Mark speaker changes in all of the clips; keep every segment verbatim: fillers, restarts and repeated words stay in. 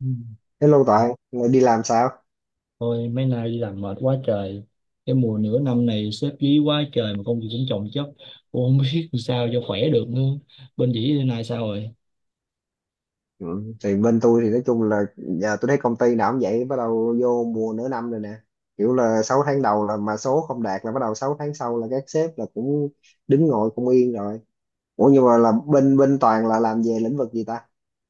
Speaker 1: Ừ.
Speaker 2: Hello Toàn, ngày đi làm sao?
Speaker 1: Thôi mấy nay đi làm mệt quá trời. Cái mùa nửa năm này xếp dí quá trời. Mà công việc cũng chồng chất. Cũng không biết làm sao cho khỏe được nữa. Bên dĩ bên này sao rồi?
Speaker 2: Ừ. Thì bên tôi thì nói chung là giờ tôi thấy công ty nào cũng vậy, bắt đầu vô mùa nửa năm rồi nè. Kiểu là sáu tháng đầu là mà số không đạt là bắt đầu sáu tháng sau là các sếp là cũng đứng ngồi không yên rồi. Ủa nhưng mà là bên bên Toàn là làm về lĩnh vực gì ta?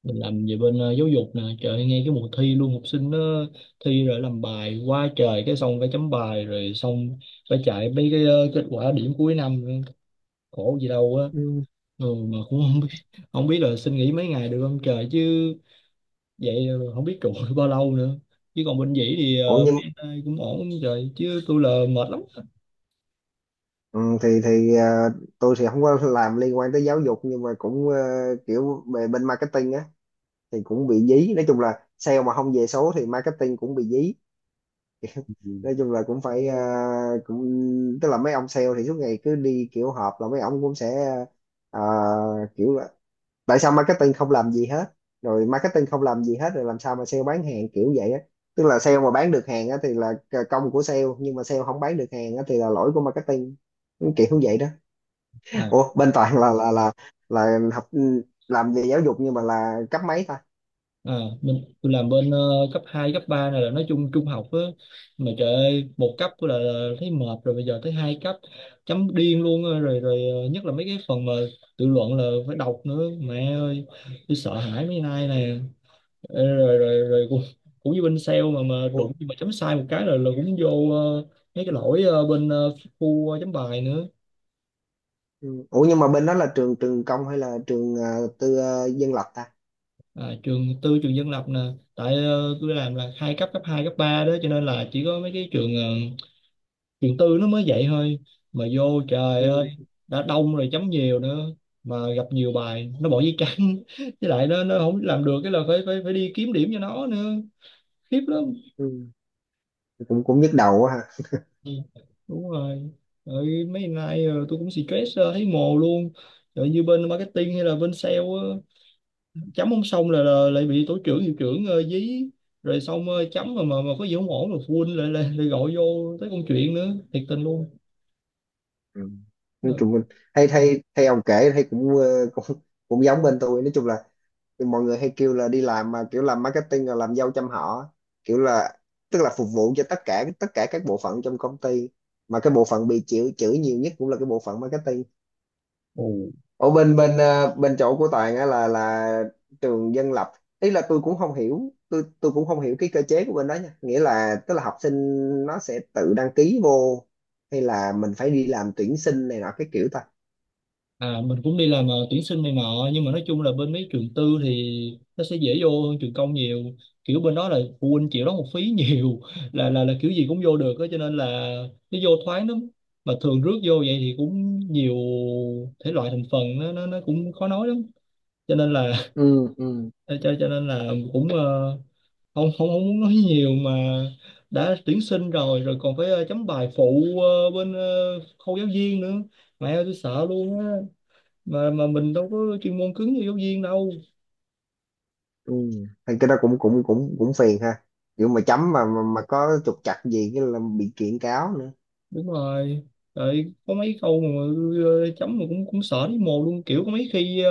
Speaker 1: Mình làm về bên ờ, giáo dục nè. Trời ơi, nghe cái mùa thi luôn. Học sinh nó thi rồi làm bài quá trời. Cái xong phải chấm bài. Rồi xong phải chạy mấy cái ờ, kết quả điểm cuối năm nữa. Khổ gì đâu á.
Speaker 2: Ừ.
Speaker 1: ừ, Mà cũng
Speaker 2: Ừ.
Speaker 1: không biết. Không biết là xin nghỉ mấy ngày được không trời chứ vậy. ờ, Không biết trụ được bao lâu nữa, chứ còn bên dĩ thì
Speaker 2: Ủa
Speaker 1: ờ,
Speaker 2: nhưng
Speaker 1: bên ai cũng ổn như trời, chứ tôi là mệt lắm.
Speaker 2: ừ, thì thì ờ, tôi thì không có làm liên quan tới giáo dục nhưng mà cũng ờ, kiểu về bên marketing á thì cũng bị dí. Nói chung là sale mà không về số thì marketing cũng bị dí. Nói chung là cũng phải, à, cũng tức là mấy ông sale thì suốt ngày cứ đi kiểu họp là mấy ông cũng sẽ, à, kiểu là tại sao marketing không làm gì hết, rồi marketing không làm gì hết rồi làm sao mà sale bán hàng kiểu vậy á. Tức là sale mà bán được hàng á thì là c- công của sale, nhưng mà sale không bán được hàng á thì là lỗi của marketing, kiểu như vậy đó.
Speaker 1: à,
Speaker 2: Ủa bên Toàn là là là là học, ừ, làm về giáo dục nhưng mà là cấp mấy ta?
Speaker 1: à mình tôi làm bên ờ, cấp hai cấp ba này là nói chung trung học á. Mà trời ơi một cấp tôi là, là thấy mệt rồi, bây giờ tới hai cấp chấm điên luôn á. Rồi rồi ờ, Nhất là mấy cái phần mà tự luận là phải đọc nữa, mẹ ơi tôi sợ hãi mấy nay nè. Ê, rồi rồi rồi cũng, cũng như bên sale mà mà
Speaker 2: Ủa,
Speaker 1: đụng mà chấm sai một cái là là cũng vô ờ, mấy cái lỗi ờ, bên ờ, khu ờ, chấm bài nữa.
Speaker 2: ừ. Ủa nhưng mà bên đó là trường trường công hay là trường, à, tư, à, dân lập ta?
Speaker 1: À, trường tư trường dân lập nè. Tại ờ, tôi làm là hai cấp cấp hai cấp ba đó, cho nên là chỉ có mấy cái trường ờ, trường tư nó mới vậy thôi. Mà vô trời ơi,
Speaker 2: Ừ.
Speaker 1: đã đông rồi chấm nhiều nữa, mà gặp nhiều bài nó bỏ giấy trắng với lại nó nó không làm được cái là phải phải phải đi kiếm điểm cho nó nữa. Khiếp lắm.
Speaker 2: Ừ. cũng cũng nhức đầu quá ha.
Speaker 1: Ừ, đúng rồi. Rồi mấy ngày nay ờ, tôi cũng stress ờ, thấy mồ luôn. Rồi như bên marketing hay là bên sale á, chấm không xong là, là lại bị tổ trưởng hiệu trưởng ờ, dí. Rồi xong ờ, chấm mà mà mà có gì không ổn rồi phụ huynh lại lại, lại gọi vô tới công chuyện nữa, thiệt tình luôn.
Speaker 2: Ừ. nói
Speaker 1: Ờ,
Speaker 2: chung là- hay hay hay ông kể thấy cũng, ờ, cũng cũng giống bên tôi. Nói chung là mọi người hay kêu là đi làm mà kiểu làm marketing là làm dâu trăm họ, kiểu là tức là phục vụ cho tất cả tất cả các bộ phận trong công ty, mà cái bộ phận bị chịu chửi nhiều nhất cũng là cái bộ phận marketing.
Speaker 1: ồ
Speaker 2: Ở bên bên ờ, bên chỗ của Toàn á là là trường dân lập, ý là tôi cũng không hiểu, tôi tôi cũng không hiểu cái cơ chế của bên đó nha, nghĩa là tức là học sinh nó sẽ tự đăng ký vô, hay là mình phải đi làm tuyển sinh này nọ cái kiểu ta?
Speaker 1: à Mình cũng đi làm ờ, tuyển sinh này nọ, nhưng mà nói chung là bên mấy trường tư thì nó sẽ dễ vô hơn trường công nhiều. Kiểu bên đó là phụ huynh chịu đóng học phí nhiều là là là kiểu gì cũng vô được á, cho nên là nó vô thoáng lắm. Mà thường rước vô vậy thì cũng nhiều thể loại thành phần, nó nó nó cũng khó nói lắm cho nên là
Speaker 2: Ừ, ừ,
Speaker 1: cho cho nên là cũng ờ, không không không muốn nói nhiều mà. Đã tuyển sinh rồi rồi còn phải ờ, chấm bài phụ ờ, bên ờ, khâu giáo viên nữa, mẹ ơi tôi sợ luôn á. mà mà mình đâu có chuyên môn cứng như giáo viên đâu.
Speaker 2: ừ. Thì cái đó cũng cũng cũng cũng phiền ha, kiểu mà chấm mà mà, mà có trục trặc gì cái là bị kiện cáo nữa.
Speaker 1: Đúng rồi. Rồi có mấy câu mà ờ, chấm mà cũng cũng sợ thấy mồ luôn. Kiểu có mấy khi ờ,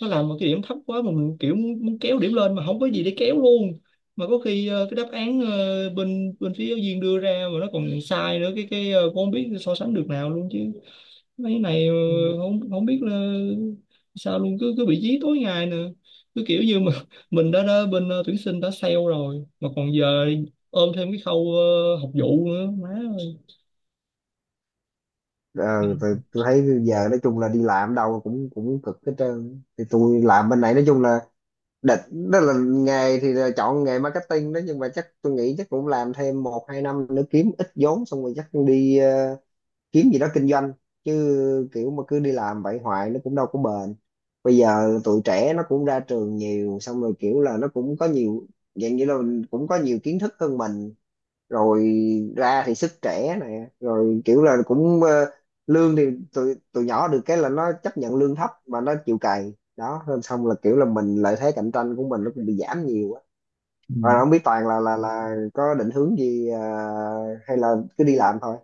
Speaker 1: nó làm một cái điểm thấp quá mà mình kiểu muốn, muốn kéo điểm lên mà không có gì để kéo luôn. Mà có khi ờ, cái đáp án ờ, bên bên phía giáo viên đưa ra mà nó còn sai nữa, cái cái ờ, cũng không biết so sánh được nào luôn chứ. Mấy này ờ,
Speaker 2: Ừ.
Speaker 1: không không biết là sao luôn, cứ cứ bị dí tối ngày nè. Cứ kiểu như mà mình đã, đã bên ờ, tuyển sinh đã sale rồi, mà còn giờ ôm thêm cái khâu ờ, học vụ nữa, má ơi.
Speaker 2: ờ, tôi, tôi thấy giờ nói chung là đi làm đâu cũng cũng cực hết trơn. Thì tôi làm bên này nói chung là định đó là nghề thì là chọn nghề marketing đó, nhưng mà chắc tôi nghĩ chắc cũng làm thêm một hai năm nữa kiếm ít vốn xong rồi chắc đi, ờ, kiếm gì đó kinh doanh. Chứ kiểu mà cứ đi làm vậy hoài nó cũng đâu có bền. Bây giờ tụi trẻ nó cũng ra trường nhiều, xong rồi kiểu là nó cũng có nhiều dạng, như là cũng có nhiều kiến thức hơn mình. Rồi ra thì sức trẻ này, rồi kiểu là cũng, ờ, lương thì tụi tụi nhỏ được cái là nó chấp nhận lương thấp mà nó chịu cày đó, nên xong là kiểu là mình, lợi thế cạnh tranh của mình nó cũng bị giảm nhiều á.
Speaker 1: Ừ.
Speaker 2: Rồi không biết Toàn là là là có định hướng gì, ờ, hay là cứ đi làm thôi?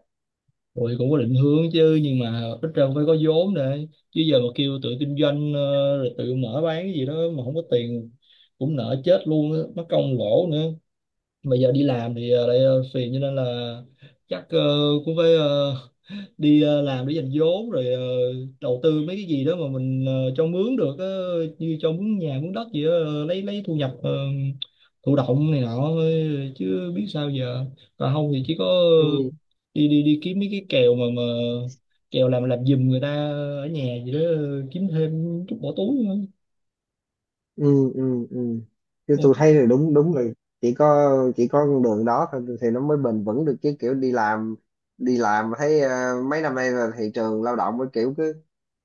Speaker 1: Rồi cũng có định hướng chứ, nhưng mà ít ra cũng phải có vốn để, chứ giờ mà kêu tự kinh doanh ờ, rồi tự mở bán cái gì đó mà không có tiền cũng nợ chết luôn á, mất công lỗ nữa. Mà giờ đi làm thì ờ, lại ờ, phiền, cho nên là chắc ờ, cũng phải ờ, đi ờ, làm để dành vốn rồi ờ, đầu tư mấy cái gì đó mà mình ờ, cho mướn được, ờ, như cho mướn nhà mướn đất gì đó, ờ, lấy lấy thu nhập ờ, thụ động này nọ thôi, chứ biết sao giờ. Còn không thì chỉ có
Speaker 2: Ừ.
Speaker 1: đi đi đi kiếm mấy cái kèo mà mà kèo làm làm giùm người ta ở nhà gì đó, ờ, kiếm thêm chút bỏ túi nữa.
Speaker 2: Ừ, ừ, ừ, chứ tôi
Speaker 1: Ôi,
Speaker 2: thấy là đúng đúng là chỉ có, chỉ có con đường đó thôi thì nó mới bền vững được, chứ kiểu đi làm, đi làm thấy ờ, mấy năm nay là thị trường lao động mới kiểu cứ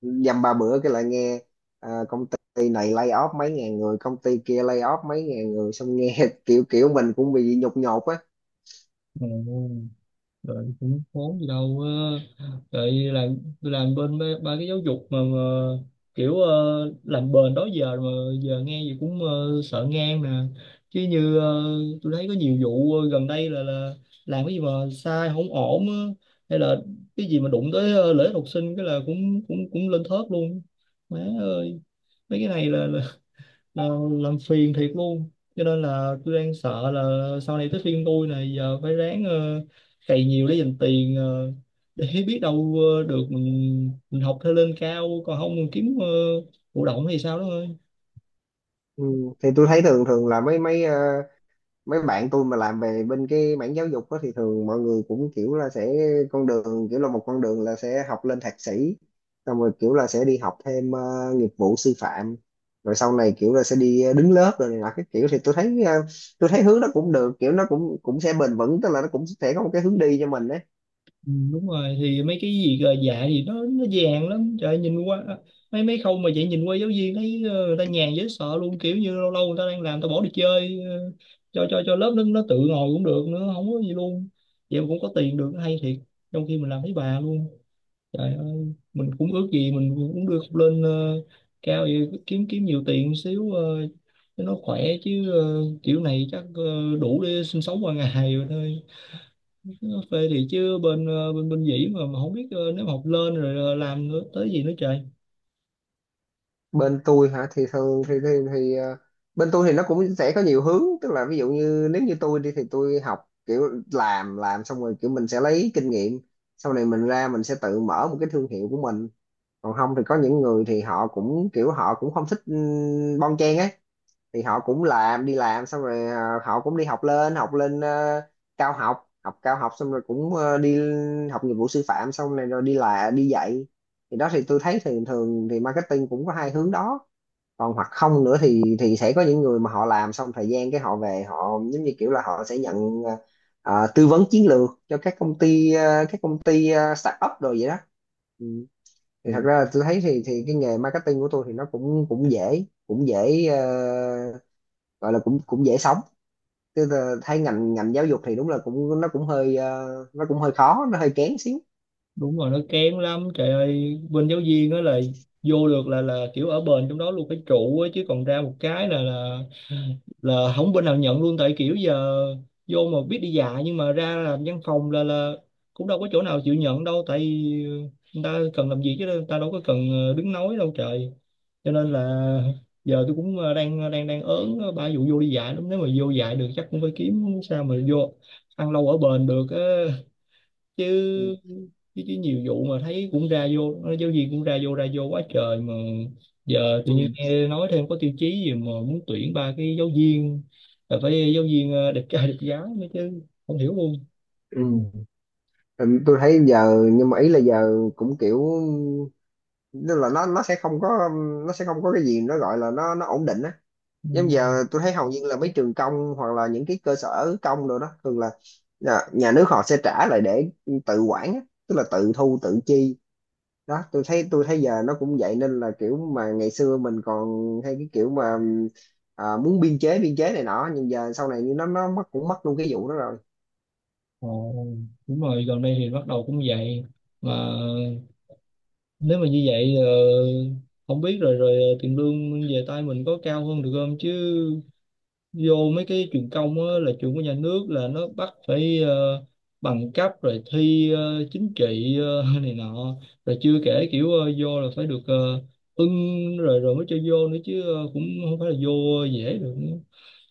Speaker 2: dăm ba bữa cái lại nghe, ờ, công ty này lay off mấy ngàn người, công ty kia lay off mấy ngàn người, xong nghe kiểu kiểu mình cũng bị nhột nhột á.
Speaker 1: ồ, Rồi cũng khốn gì đâu. Rồi làm tôi làm bên ba, ba cái giáo dục mà, mà kiểu ờ, làm bền đó giờ mà giờ nghe gì cũng ờ, sợ ngang nè. Chứ như ờ, tôi thấy có nhiều vụ ờ, gần đây là là làm cái gì mà sai không ổn á, hay là cái gì mà đụng tới ờ, lợi ích học sinh cái là cũng cũng cũng lên thớt luôn, má ơi. Mấy cái này là, là Ờ, làm phiền thiệt luôn. Cho nên là tôi đang sợ là sau này tới phiên tôi, này giờ phải ráng ờ, cày nhiều để dành tiền, ờ, để biết đâu ờ, được mình mình học thêm lên cao, còn không mình kiếm ờ, thụ động hay sao đó ơi.
Speaker 2: Ừ. Thì tôi thấy thường thường là mấy mấy ờ, mấy bạn tôi mà làm về bên cái mảng giáo dục đó, thì thường mọi người cũng kiểu là sẽ con đường, kiểu là một con đường là sẽ học lên thạc sĩ, xong rồi kiểu là sẽ đi học thêm ờ, nghiệp vụ sư phạm, rồi sau này kiểu là sẽ đi, ờ, đứng lớp rồi này nọ cái kiểu. Thì tôi thấy, ờ, tôi thấy hướng nó cũng được, kiểu nó cũng cũng sẽ bền vững, tức là nó cũng sẽ có một cái hướng đi cho mình đấy.
Speaker 1: Ừ, đúng rồi, thì mấy cái gì gờ dạ thì nó nó vàng lắm, trời ơi. Nhìn qua mấy mấy khâu mà vậy, nhìn qua giáo viên thấy ờ, người ta nhàn dễ sợ luôn. Kiểu như lâu lâu người ta đang làm ta bỏ đi chơi, ờ, cho cho cho lớp nó nó tự ngồi cũng được nữa, không có gì luôn. Vậy mà cũng có tiền được, hay thiệt, trong khi mình làm thấy bà luôn. Trời ơi mình cũng ước gì mình cũng đưa lên ờ, cao vậy, kiếm kiếm nhiều tiền xíu ờ, cho nó khỏe, chứ ờ, kiểu này chắc ờ, đủ để sinh sống qua ngày rồi thôi. Cà phê thì chứ bên ờ, bên bên dĩ mà, mà không biết ờ, nếu mà học lên rồi ờ, làm nữa tới gì nữa trời.
Speaker 2: Bên tôi hả, thì thường thì thì, thì ờ, bên tôi thì nó cũng sẽ có nhiều hướng, tức là ví dụ như nếu như tôi đi thì tôi học kiểu làm làm xong rồi kiểu mình sẽ lấy kinh nghiệm, sau này mình ra mình sẽ tự mở một cái thương hiệu của mình. Còn không thì có những người thì họ cũng kiểu họ cũng không thích, ừm, bon chen ấy, thì họ cũng làm đi làm xong rồi, ờ, họ cũng đi học lên học lên, ờ, cao học, học cao học xong rồi cũng, ờ, đi học nghiệp vụ sư phạm xong rồi rồi đi là đi dạy. Thì đó thì tôi thấy thường thường thì marketing cũng có hai hướng đó. Còn hoặc không nữa thì thì sẽ có những người mà họ làm xong thời gian cái họ về, họ giống như kiểu là họ sẽ nhận, ờ, ờ, tư vấn chiến lược cho các công ty, ờ, các công ty ờ, startup rồi vậy đó. Ừ. Thì thật ra là tôi thấy thì thì cái nghề marketing của tôi thì nó cũng cũng dễ, cũng dễ, ờ, gọi là cũng cũng dễ sống. Tôi thấy ngành ngành giáo dục thì đúng là cũng, nó cũng hơi, ờ, nó cũng hơi khó, nó hơi kén xíu.
Speaker 1: Đúng rồi, nó kén lắm trời ơi. Bên giáo viên á là vô được là là kiểu ở bền trong đó luôn cái trụ á, chứ còn ra một cái là là là không bên nào nhận luôn. Tại kiểu giờ vô mà biết đi dạ, nhưng mà ra làm văn phòng là là cũng đâu có chỗ nào chịu nhận đâu. Tại ờ, người ta cần làm gì, chứ người ta đâu có cần ờ, đứng nói đâu trời. Cho nên là giờ tôi cũng ờ, đang ờ, đang đang ớn ờ, ba vụ vô đi dạy lắm. Nếu mà vô dạy được chắc cũng phải kiếm sao mà vô ăn lâu ở bền được á.
Speaker 2: Ừ.
Speaker 1: Chứ chứ chứ nhiều vụ mà thấy cũng ra vô, giáo viên cũng ra vô ra vô quá trời. Mà giờ tự
Speaker 2: Ừ.
Speaker 1: nhiên nghe nói thêm có tiêu chí gì mà muốn tuyển ba cái giáo viên là phải giáo viên ờ, đẹp trai đẹp gái nữa chứ, không hiểu luôn.
Speaker 2: Ừ. Ừ, tôi thấy giờ nhưng mà ý là giờ cũng kiểu, nên là nó nó sẽ không có, nó sẽ không có cái gì nó gọi là nó nó ổn định á.
Speaker 1: Ừ.
Speaker 2: Giống giờ tôi thấy hầu như là mấy trường công hoặc là những cái cơ sở công rồi đó, thường là nhà, nhà nước họ sẽ trả lại để tự quản á, tức là tự thu tự chi đó. Tôi thấy tôi thấy giờ nó cũng vậy, nên là kiểu mà ngày xưa mình còn hay cái kiểu mà, à, muốn biên chế biên chế này nọ, nhưng giờ sau này nó nó mất, cũng mất luôn cái vụ đó rồi.
Speaker 1: Ồ, đúng rồi, gần đây thì bắt đầu cũng vậy. Mà nếu mà như vậy ờ, không biết rồi rồi ờ, tiền lương về tay mình có cao hơn được không chứ. Vô mấy cái trường công á, là trường của nhà nước là nó bắt phải ờ, bằng cấp rồi thi ờ, chính trị ờ, này nọ. Rồi chưa kể kiểu ờ, vô là phải được ờ, ưng rồi rồi mới cho vô nữa chứ, ờ, cũng không phải là vô dễ được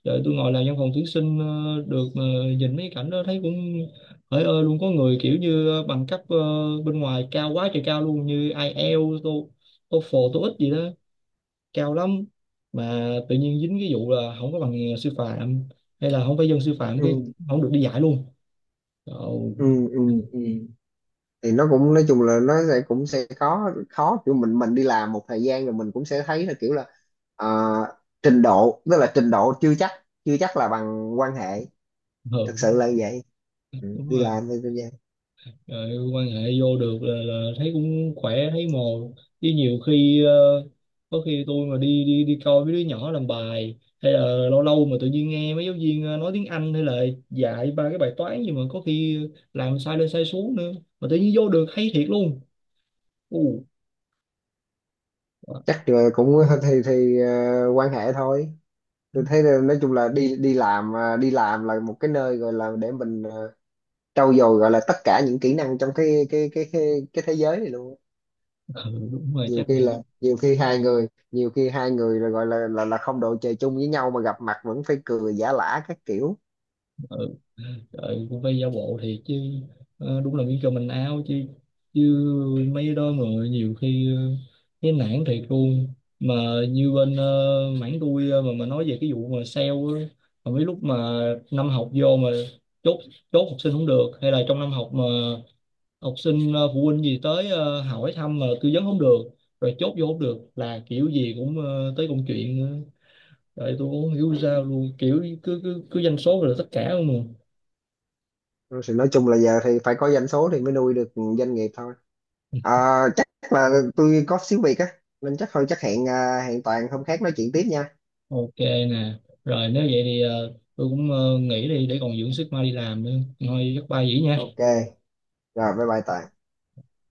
Speaker 1: để tôi ngồi làm văn phòng tuyển sinh ờ, được mà. Nhìn mấy cảnh đó thấy cũng hỡi ơi luôn. Có người kiểu như ờ, bằng cấp ờ, bên ngoài cao quá trời cao luôn, như ai IELTS, tô- TOEFL, tô íc gì đó cao lắm, mà tự nhiên dính cái vụ là không có bằng ờ, sư phạm, hay là không phải dân sư phạm,
Speaker 2: Ừ,
Speaker 1: cái không được đi dạy luôn. Trời cũng
Speaker 2: ừ, ừ, ừ, thì nó cũng nói chung là nó sẽ, cũng sẽ khó, khó kiểu mình, mình đi làm một thời gian rồi mình cũng sẽ thấy là kiểu là, ờ, trình độ, tức là trình độ chưa chắc chưa chắc là bằng quan hệ.
Speaker 1: hờ
Speaker 2: Thật sự
Speaker 1: đúng,
Speaker 2: là như vậy. Ừ,
Speaker 1: đúng
Speaker 2: đi
Speaker 1: rồi.
Speaker 2: làm thì tôi vậy.
Speaker 1: Rồi quan hệ vô được là, là thấy cũng khỏe thấy mồ, chứ nhiều khi ờ, có khi tôi mà đi đi đi coi mấy đứa nhỏ làm bài, hay là lâu lâu mà tự nhiên nghe mấy giáo viên ờ, nói tiếng Anh, hay là dạy ba cái bài toán gì mà có khi làm sai lên sai xuống nữa mà tự nhiên vô được, hay thiệt luôn. Ồ,
Speaker 2: Chắc là cũng, thì thì ờ, quan hệ thôi. Tôi thấy là nói chung là đi đi làm, ờ, đi làm là một cái nơi gọi là để mình, ờ, trau dồi, gọi là tất cả những kỹ năng trong cái cái cái cái, cái thế giới này luôn á.
Speaker 1: ừ, đúng rồi
Speaker 2: Nhiều
Speaker 1: chắc.
Speaker 2: khi là, nhiều khi hai người nhiều khi hai người là gọi là là là không đội trời chung với nhau, mà gặp mặt vẫn phải cười giả lả các kiểu.
Speaker 1: Ừ. Trời, cũng phải giả bộ thiệt chứ. Ờ, đúng là miếng cơm mình áo chứ, chứ mấy đó mà nhiều khi ờ, cái nản thiệt luôn. Mà như bên ờ, mảng tôi ờ, mà mà nói về cái vụ mà sale á, mà mấy lúc mà năm học vô mà chốt chốt học sinh không được, hay là trong năm học mà học sinh ờ, phụ huynh gì tới ờ, hỏi thăm mà tư vấn không được, rồi chốt vô không được là kiểu gì cũng ờ, tới công chuyện nữa. Tôi cũng không hiểu sao luôn, kiểu cứ cứ cứ doanh số rồi là tất cả luôn mà.
Speaker 2: Rồi thì nói chung là giờ thì phải có doanh số thì mới nuôi được doanh nghiệp thôi. à, Chắc là tôi có xíu việc á, nên chắc thôi, chắc hẹn, à, hẹn Toàn hôm khác nói chuyện tiếp nha.
Speaker 1: Ok nè, rồi nếu vậy thì ờ, tôi cũng ờ, nghỉ đi để còn dưỡng sức mai đi làm nữa. Thôi chắc bye vậy
Speaker 2: Ok,
Speaker 1: nha.
Speaker 2: rồi bye bye Toàn.